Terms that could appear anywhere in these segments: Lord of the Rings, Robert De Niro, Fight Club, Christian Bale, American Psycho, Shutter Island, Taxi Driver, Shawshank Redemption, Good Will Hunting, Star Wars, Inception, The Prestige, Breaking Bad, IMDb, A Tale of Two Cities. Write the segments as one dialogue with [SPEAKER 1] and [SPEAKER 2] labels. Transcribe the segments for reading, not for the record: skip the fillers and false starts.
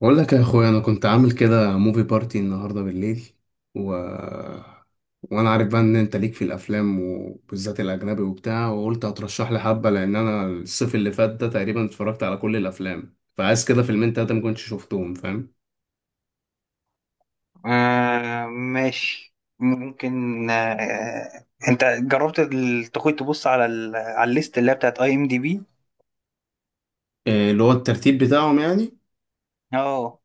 [SPEAKER 1] بقول لك يا اخويا، انا كنت عامل كده موفي بارتي النهارده بالليل و... وانا عارف بقى ان انت ليك في الافلام وبالذات الاجنبي وبتاع، وقلت هترشح لي حبه، لان انا الصيف اللي فات ده تقريبا اتفرجت على كل الافلام، فعايز كده فيلمين تلاته ما كنتش شفتهم، فاهم؟
[SPEAKER 2] ماشي، ممكن انت جربت تخوي تبص على الليست اللي هي بتاعت IMDb.
[SPEAKER 1] إيه اللي هو الترتيب بتاعهم يعني؟
[SPEAKER 2] اه،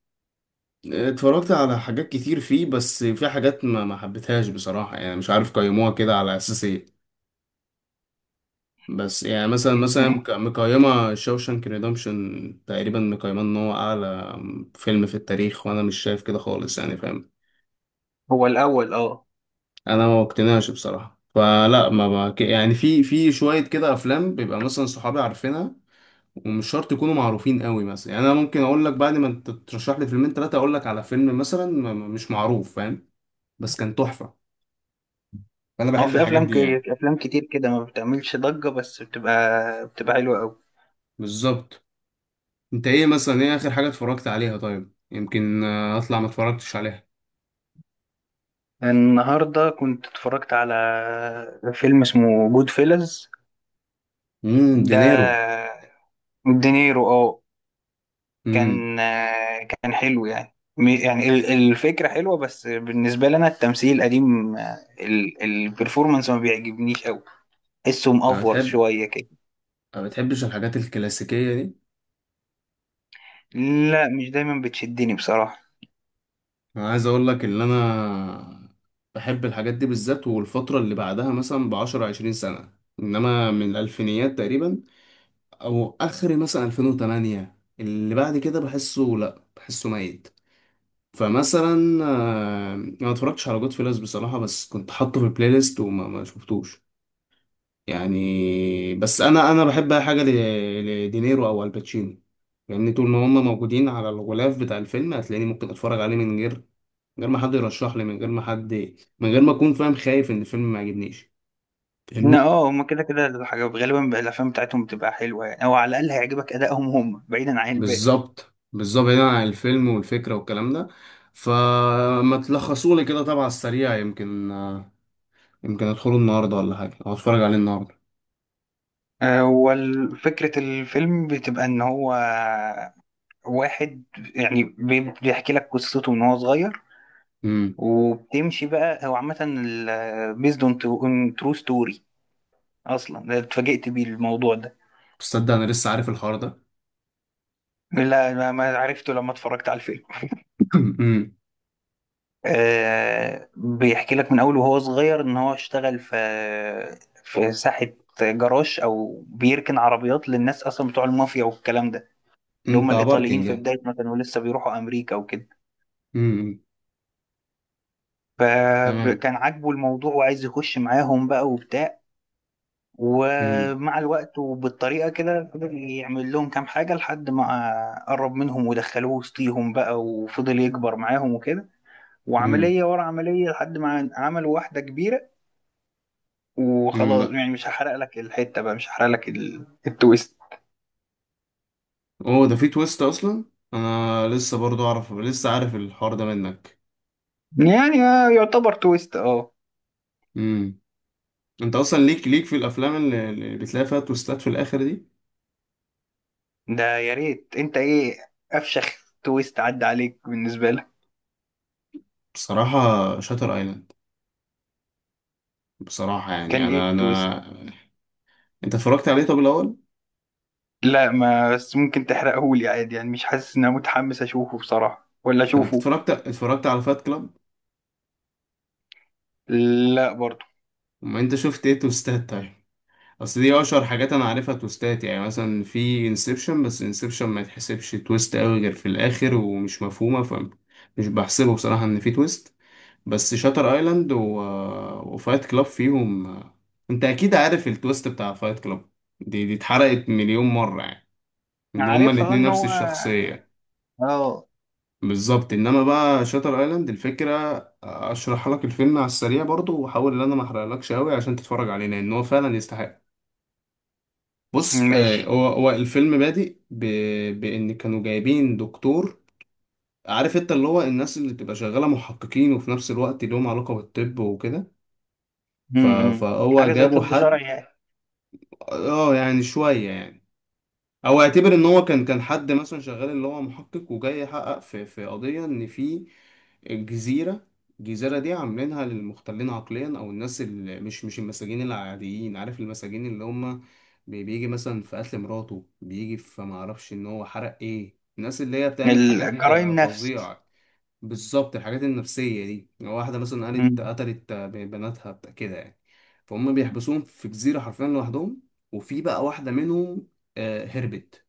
[SPEAKER 1] اتفرجت على حاجات كتير فيه، بس في حاجات ما حبيتهاش بصراحه، يعني مش عارف قيموها كده على اساس ايه. بس يعني مثلا مقيمة شوشانك ريدمشن تقريبا مقيمة ان هو اعلى فيلم في التاريخ، وانا مش شايف كده خالص يعني، فاهم؟
[SPEAKER 2] هو الاول. اه،
[SPEAKER 1] انا ما اقتنعش بصراحة. فلا ما ما- ك- يعني في شوية كده افلام بيبقى مثلا صحابي عارفينها، ومش شرط يكونوا معروفين قوي، مثلا يعني انا ممكن اقول لك بعد ما انت ترشح لي فيلمين ثلاثة، اقول لك على فيلم مثلا مش معروف، فاهم؟ بس كان تحفة. فانا
[SPEAKER 2] هو
[SPEAKER 1] بحب
[SPEAKER 2] في
[SPEAKER 1] الحاجات
[SPEAKER 2] افلام
[SPEAKER 1] دي يعني.
[SPEAKER 2] افلام كتير كده ما بتعملش ضجة، بس بتبقى حلوة قوي.
[SPEAKER 1] بالظبط. انت ايه مثلا، ايه اخر حاجة اتفرجت عليها؟ طيب يمكن اطلع ما اتفرجتش عليها.
[SPEAKER 2] النهارده كنت اتفرجت على فيلم اسمه جود فيلز.
[SPEAKER 1] امم،
[SPEAKER 2] ده
[SPEAKER 1] دينيرو.
[SPEAKER 2] دينيرو، اه.
[SPEAKER 1] امم.
[SPEAKER 2] كان حلو، يعني يعني الفكرة حلوة، بس بالنسبة لي أنا التمثيل قديم. البرفورمانس ما بيعجبنيش أوي. حسه
[SPEAKER 1] انا
[SPEAKER 2] مأفور
[SPEAKER 1] بتحب.
[SPEAKER 2] شوية كده.
[SPEAKER 1] ما بتحبش الحاجات الكلاسيكيه دي؟
[SPEAKER 2] لا، مش دايما بتشدني بصراحة.
[SPEAKER 1] انا عايز اقول لك ان انا بحب الحاجات دي بالذات، والفتره اللي بعدها مثلا ب 10 20 سنه، انما من الالفينيات تقريبا، او اخر مثلا 2008، اللي بعد كده بحسه، لا بحسه ميت. فمثلا انا ما اتفرجتش على جود فيلز بصراحه، بس كنت حاطه في البلاي ليست وما ما شفتوش يعني. بس انا بحب اي حاجه لدينيرو او الباتشينو يعني. طول ما هم موجودين على الغلاف بتاع الفيلم، هتلاقيني ممكن اتفرج عليه من غير ما حد يرشح لي، من غير ما حد، من غير ما اكون فاهم، خايف ان الفيلم ما يعجبنيش. فاهمني؟
[SPEAKER 2] لا، اه، هما كده كده الحاجة غالبا بقى الأفلام بتاعتهم بتبقى حلوة، يعني أو على الأقل هيعجبك أدائهم هم بعيدا عن الباقي.
[SPEAKER 1] بالظبط، بالظبط هنا عن الفيلم والفكره والكلام ده. فما تلخصوا لي كده طبعا السريع، يمكن ادخله النهارده ولا حاجه، او اتفرج عليه النهارده.
[SPEAKER 2] هو فكرة الفيلم بتبقى إن هو واحد، يعني بيحكي لك قصته من هو صغير.
[SPEAKER 1] امم.
[SPEAKER 2] وبتمشي بقى هو عامة بيزد اون ترو ستوري. اصلا ده اتفاجئت بيه الموضوع ده.
[SPEAKER 1] تصدق انا لسه عارف الحوار ده.
[SPEAKER 2] لا، ما عرفته لما اتفرجت على الفيلم.
[SPEAKER 1] امم.
[SPEAKER 2] آه، بيحكي لك من اول وهو صغير ان هو اشتغل في ساحة، جراج او بيركن عربيات للناس اصلا بتوع المافيا والكلام ده. اللي هم
[SPEAKER 1] انت
[SPEAKER 2] الايطاليين
[SPEAKER 1] باركنج.
[SPEAKER 2] في بداية ما كانوا لسه بيروحوا امريكا وكده.
[SPEAKER 1] امم. تمام.
[SPEAKER 2] فكان عاجبه الموضوع وعايز يخش معاهم بقى وبتاع.
[SPEAKER 1] امم.
[SPEAKER 2] ومع الوقت وبالطريقة كده فضل يعمل لهم كام حاجة لحد ما قرب منهم ودخلوه وسطيهم بقى وفضل يكبر معاهم وكده.
[SPEAKER 1] امم.
[SPEAKER 2] وعملية ورا عملية لحد ما عمل واحدة كبيرة. وخلاص
[SPEAKER 1] بقى.
[SPEAKER 2] يعني مش هحرق لك الحتة بقى، مش هحرق لك التويست.
[SPEAKER 1] اوه، ده في تويست اصلا؟ انا لسه برضو اعرف، لسه عارف الحوار ده منك.
[SPEAKER 2] يعني يعتبر تويست، اه.
[SPEAKER 1] امم. انت اصلا ليك، ليك في الافلام اللي، اللي بتلاقي فيها تويستات في الاخر دي.
[SPEAKER 2] ده يا ريت، انت ايه افشخ تويست عدى عليك بالنسبة لك؟
[SPEAKER 1] بصراحه، شاتر ايلاند. بصراحه يعني
[SPEAKER 2] كان ايه
[SPEAKER 1] انا.
[SPEAKER 2] التويست؟
[SPEAKER 1] انت اتفرجت عليه طب الاول؟
[SPEAKER 2] لا، ما بس ممكن تحرقهولي عادي، يعني مش حاسس ان انا متحمس اشوفه بصراحة ولا
[SPEAKER 1] انت
[SPEAKER 2] اشوفه.
[SPEAKER 1] اتفرجت على فات كلاب؟
[SPEAKER 2] لا برضو.
[SPEAKER 1] ما انت شفت ايه تويستات طيب؟ بس دي اشهر حاجات انا عارفها تويستات، يعني مثلا في انسبشن، بس انسبشن ما يتحسبش تويست قوي غير في الاخر ومش مفهومه، فمش بحسبه بصراحه ان في تويست. بس شاتر ايلاند وفايت كلاب فيهم. انت اكيد عارف التويست بتاع فايت كلاب، دي اتحرقت مليون مره يعني، ان هما
[SPEAKER 2] عارفها
[SPEAKER 1] الاتنين
[SPEAKER 2] ان
[SPEAKER 1] نفس
[SPEAKER 2] هو،
[SPEAKER 1] الشخصيه.
[SPEAKER 2] اه.
[SPEAKER 1] بالظبط. انما بقى شاتر ايلاند، الفكره اشرح لك الفيلم على السريع برضو، واحاول ان انا ما احرقلكش قوي عشان تتفرج عليه، لان هو فعلا يستحق. بص
[SPEAKER 2] ماشي.
[SPEAKER 1] هو الفيلم بادئ بان كانوا جايبين دكتور، عارف انت اللي هو الناس اللي بتبقى شغاله محققين وفي نفس الوقت لهم علاقه بالطب وكده. فهو
[SPEAKER 2] حاجة زي
[SPEAKER 1] جابوا
[SPEAKER 2] طب شرعي
[SPEAKER 1] حد.
[SPEAKER 2] يعني.
[SPEAKER 1] اه يعني شويه يعني، او اعتبر ان هو كان حد مثلا شغال اللي هو محقق، وجاي يحقق في قضيه ان في جزيره، الجزيره دي عاملينها للمختلين عقليا، او الناس اللي مش المساجين العاديين، عارف المساجين اللي هم بيجي مثلا في قتل مراته، بيجي في ما اعرفش ان هو حرق، ايه الناس اللي هي بتعمل حاجات
[SPEAKER 2] الجرائم نفس.
[SPEAKER 1] فظيعه. بالظبط، الحاجات النفسيه دي، لو واحده مثلا
[SPEAKER 2] امم.
[SPEAKER 1] قالت قتلت بناتها بتاع كده يعني. فهم بيحبسوهم في جزيره حرفيا لوحدهم. وفي بقى واحده منهم هربت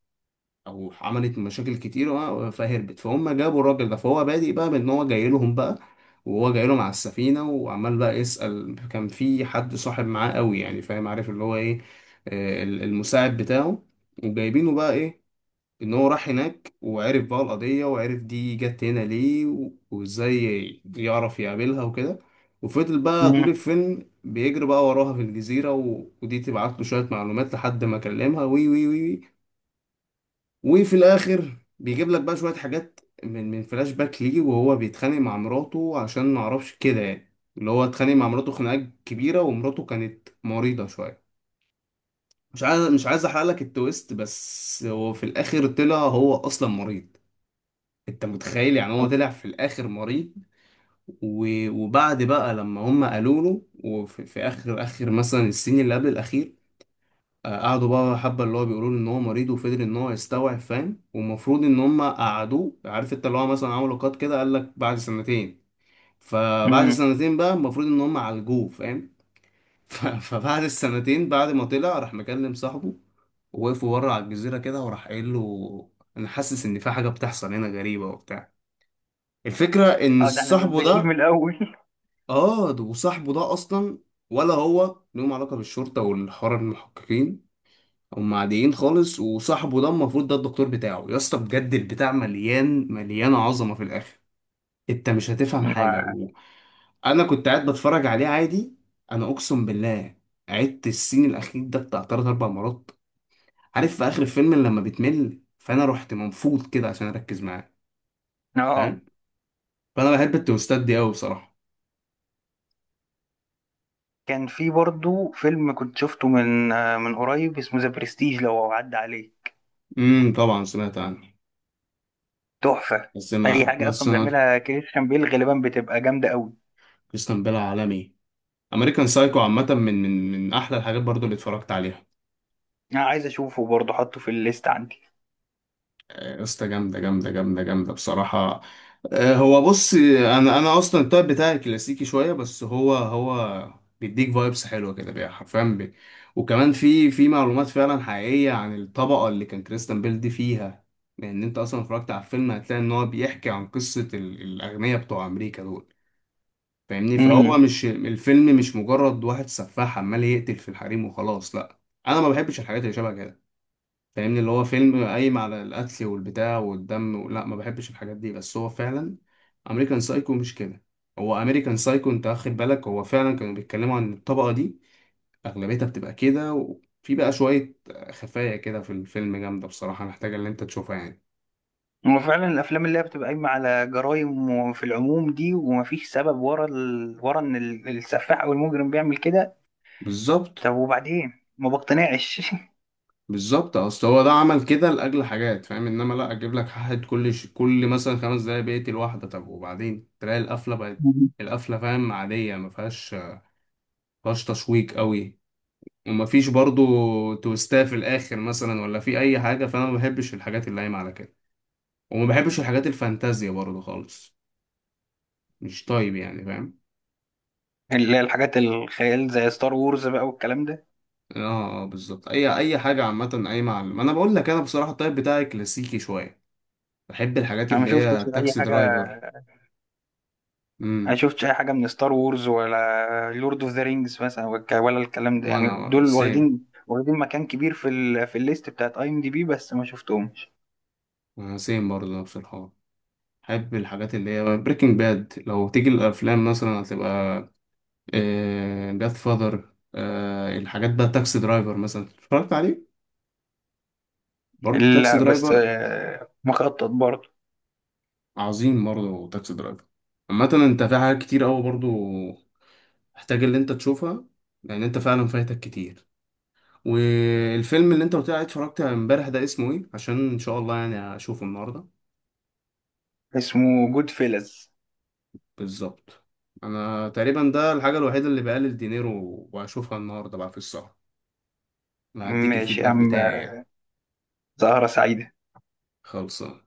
[SPEAKER 1] او عملت مشاكل كتير فهربت، فهم جابوا الراجل ده. فهو بادئ بقى بان هو جاي لهم بقى. وهو جاي لهم على السفينه وعمال بقى يسال، كان في حد صاحب معاه قوي يعني، فاهم؟ عارف اللي هو ايه، المساعد بتاعه. وجايبينه بقى ايه، ان هو راح هناك وعرف بقى القضيه، وعرف دي جت هنا ليه، وازاي يعرف يقابلها وكده. وفضل بقى طول الفيلم بيجري بقى وراها في الجزيرة، ودي تبعت له شوية معلومات، لحد ما كلمها وي وي وي وي. وفي الاخر بيجيب لك بقى شويه حاجات من فلاش باك ليه، وهو بيتخانق مع مراته عشان ما اعرفش كده يعني. اللي هو اتخانق مع مراته خناقه كبيره، ومراته كانت مريضه شويه. مش عايز احرق لك التويست، بس هو في الاخر طلع هو اصلا مريض. انت متخيل يعني؟ هو طلع في الاخر مريض. وبعد بقى لما هم قالوا له، وفي اخر مثلا السين اللي قبل الاخير، قعدوا بقى حبة اللي هو بيقولوا له ان هو مريض، وفضل ان هو يستوعب، فاهم؟ والمفروض ان هم قعدوه، عارف انت اللي هو مثلا عملوا قط كده قال لك بعد سنتين. فبعد
[SPEAKER 2] امم.
[SPEAKER 1] سنتين بقى المفروض ان هم عالجوه، فاهم؟ فبعد السنتين بعد ما طلع راح مكلم صاحبه، ووقفوا بره على الجزيرة كده، وراح قايل له انا حاسس ان في حاجة بتحصل هنا غريبة وبتاع. الفكرة ان
[SPEAKER 2] اه، ده احنا
[SPEAKER 1] صاحبه
[SPEAKER 2] بنعيد من
[SPEAKER 1] ده،
[SPEAKER 2] الاول.
[SPEAKER 1] اه وصاحبه ده اصلا، ولا هو ليهم علاقة بالشرطة والحوار المحققين، هم عاديين خالص. وصاحبه ده المفروض ده الدكتور بتاعه، يا اسطى بجد البتاع مليان مليان عظمه في الاخر. انت مش هتفهم حاجه انا كنت قاعد بتفرج عليه عادي، انا اقسم بالله. عدت السين الاخير ده بتاع تلات اربع مرات، عارف في اخر الفيلم لما بتمل، فانا رحت منفوض كده عشان اركز معاه،
[SPEAKER 2] اه.
[SPEAKER 1] فاهم؟ فانا بحب التوستات دي قوي بصراحه.
[SPEAKER 2] كان في برضو فيلم كنت شفته من قريب اسمه ذا برستيج، لو عدى عليه.
[SPEAKER 1] امم، طبعا سمعت عنه.
[SPEAKER 2] تحفة.
[SPEAKER 1] بس
[SPEAKER 2] اي
[SPEAKER 1] ما
[SPEAKER 2] حاجة
[SPEAKER 1] ما
[SPEAKER 2] اصلا
[SPEAKER 1] سمعت.
[SPEAKER 2] بيعملها كريستيان بيل غالبا بتبقى جامدة قوي.
[SPEAKER 1] كريستيان بيل عالمي. امريكان سايكو عامه من احلى الحاجات برضو اللي اتفرجت عليها.
[SPEAKER 2] انا عايز اشوفه برضو، حطه في الليست عندي.
[SPEAKER 1] يا اسطى، جامدة جامدة جامدة جامدة بصراحة. هو بص، انا اصلا التايب بتاعي كلاسيكي شوية، بس هو بيديك فايبس حلوة كده بقى حرفيا بي. وكمان في معلومات فعلا حقيقية عن الطبقة اللي كان كريستيان بيل دي فيها. لان انت اصلا اتفرجت على الفيلم، هتلاقي ان هو بيحكي عن قصة الاغنياء بتوع امريكا دول. فاهمني؟ فهو
[SPEAKER 2] مم.
[SPEAKER 1] مش الفيلم مش مجرد واحد سفاح عمال يقتل في الحريم وخلاص، لا. انا ما بحبش الحاجات اللي شبه كده. فاهمني؟ اللي هو فيلم قايم على القتل والبتاع والدم لا، ما بحبش الحاجات دي، بس هو فعلا امريكان سايكو مش كده. هو امريكان سايكو، انت واخد بالك، هو فعلا كانوا بيتكلموا عن الطبقة دي، اغلبيتها بتبقى كده. وفي بقى شوية خفايا كده في الفيلم جامدة بصراحة، محتاجة ان انت تشوفها يعني.
[SPEAKER 2] هو فعلا الافلام اللي هي بتبقى قايمه على جرائم في العموم دي ومفيش سبب ورا ان السفاح او المجرم بيعمل كده.
[SPEAKER 1] بالظبط.
[SPEAKER 2] طب وبعدين ما بقتنعش.
[SPEAKER 1] بالظبط، اصل هو ده عمل كده لاجل حاجات فاهم، انما لا، اجيب لك حد كل كل مثلا خمس دقايق بيقتل واحدة، طب وبعدين تلاقي القفلة بقت القفلة فاهم عادية، ما فيهاش تشويق قوي. ومفيش برضو تويستات في الاخر مثلا ولا في اي حاجه، فانا ما بحبش الحاجات اللي قايمه على كده. وما بحبش الحاجات الفانتازيا برضو خالص، مش طيب يعني، فاهم؟
[SPEAKER 2] اللي هي الحاجات الخيال زي ستار وورز بقى والكلام ده.
[SPEAKER 1] اه، بالظبط، اي حاجه عامه اي معلم. انا بقول لك انا بصراحه الطيب بتاعي كلاسيكي شويه. بحب الحاجات
[SPEAKER 2] انا ما
[SPEAKER 1] اللي هي
[SPEAKER 2] شفتش اي
[SPEAKER 1] تاكسي
[SPEAKER 2] حاجه.
[SPEAKER 1] درايفر.
[SPEAKER 2] ما
[SPEAKER 1] امم.
[SPEAKER 2] شفتش اي حاجه من ستار وورز ولا لورد اوف ذا رينجز مثلا ولا الكلام ده، يعني
[SPEAKER 1] وانا
[SPEAKER 2] دول
[SPEAKER 1] سيم.
[SPEAKER 2] واخدين واخدين مكان كبير في الليست بتاعت IMDb، بس ما شفتهمش.
[SPEAKER 1] انا سيم برضو نفس الحوار. بحب الحاجات اللي هي بريكنج باد. لو تيجي الافلام مثلا، هتبقى جاد فاذر. الحاجات بقى تاكسي درايفر مثلا اتفرجت عليه. برضه تاكسي
[SPEAKER 2] لا بس،
[SPEAKER 1] درايفر.
[SPEAKER 2] مخطط برضه.
[SPEAKER 1] عظيم برضه تاكسي درايفر. عامة انت في حاجات كتير اوي برضه محتاج اللي انت تشوفها، لان انت فعلا فايتك كتير. والفيلم اللي انت قلت لي عليه اتفرجت امبارح ده اسمه ايه، عشان ان شاء الله يعني اشوفه النهارده.
[SPEAKER 2] اسمه جود فيلز.
[SPEAKER 1] بالظبط. انا تقريبا ده الحاجة الوحيدة اللي بقلل دينيرو واشوفها النهارده بقى في السهرة. هديك
[SPEAKER 2] ماشي يا
[SPEAKER 1] الفيدباك
[SPEAKER 2] عم.
[SPEAKER 1] بتاعي يعني.
[SPEAKER 2] سهرة سعيدة.
[SPEAKER 1] خلصان.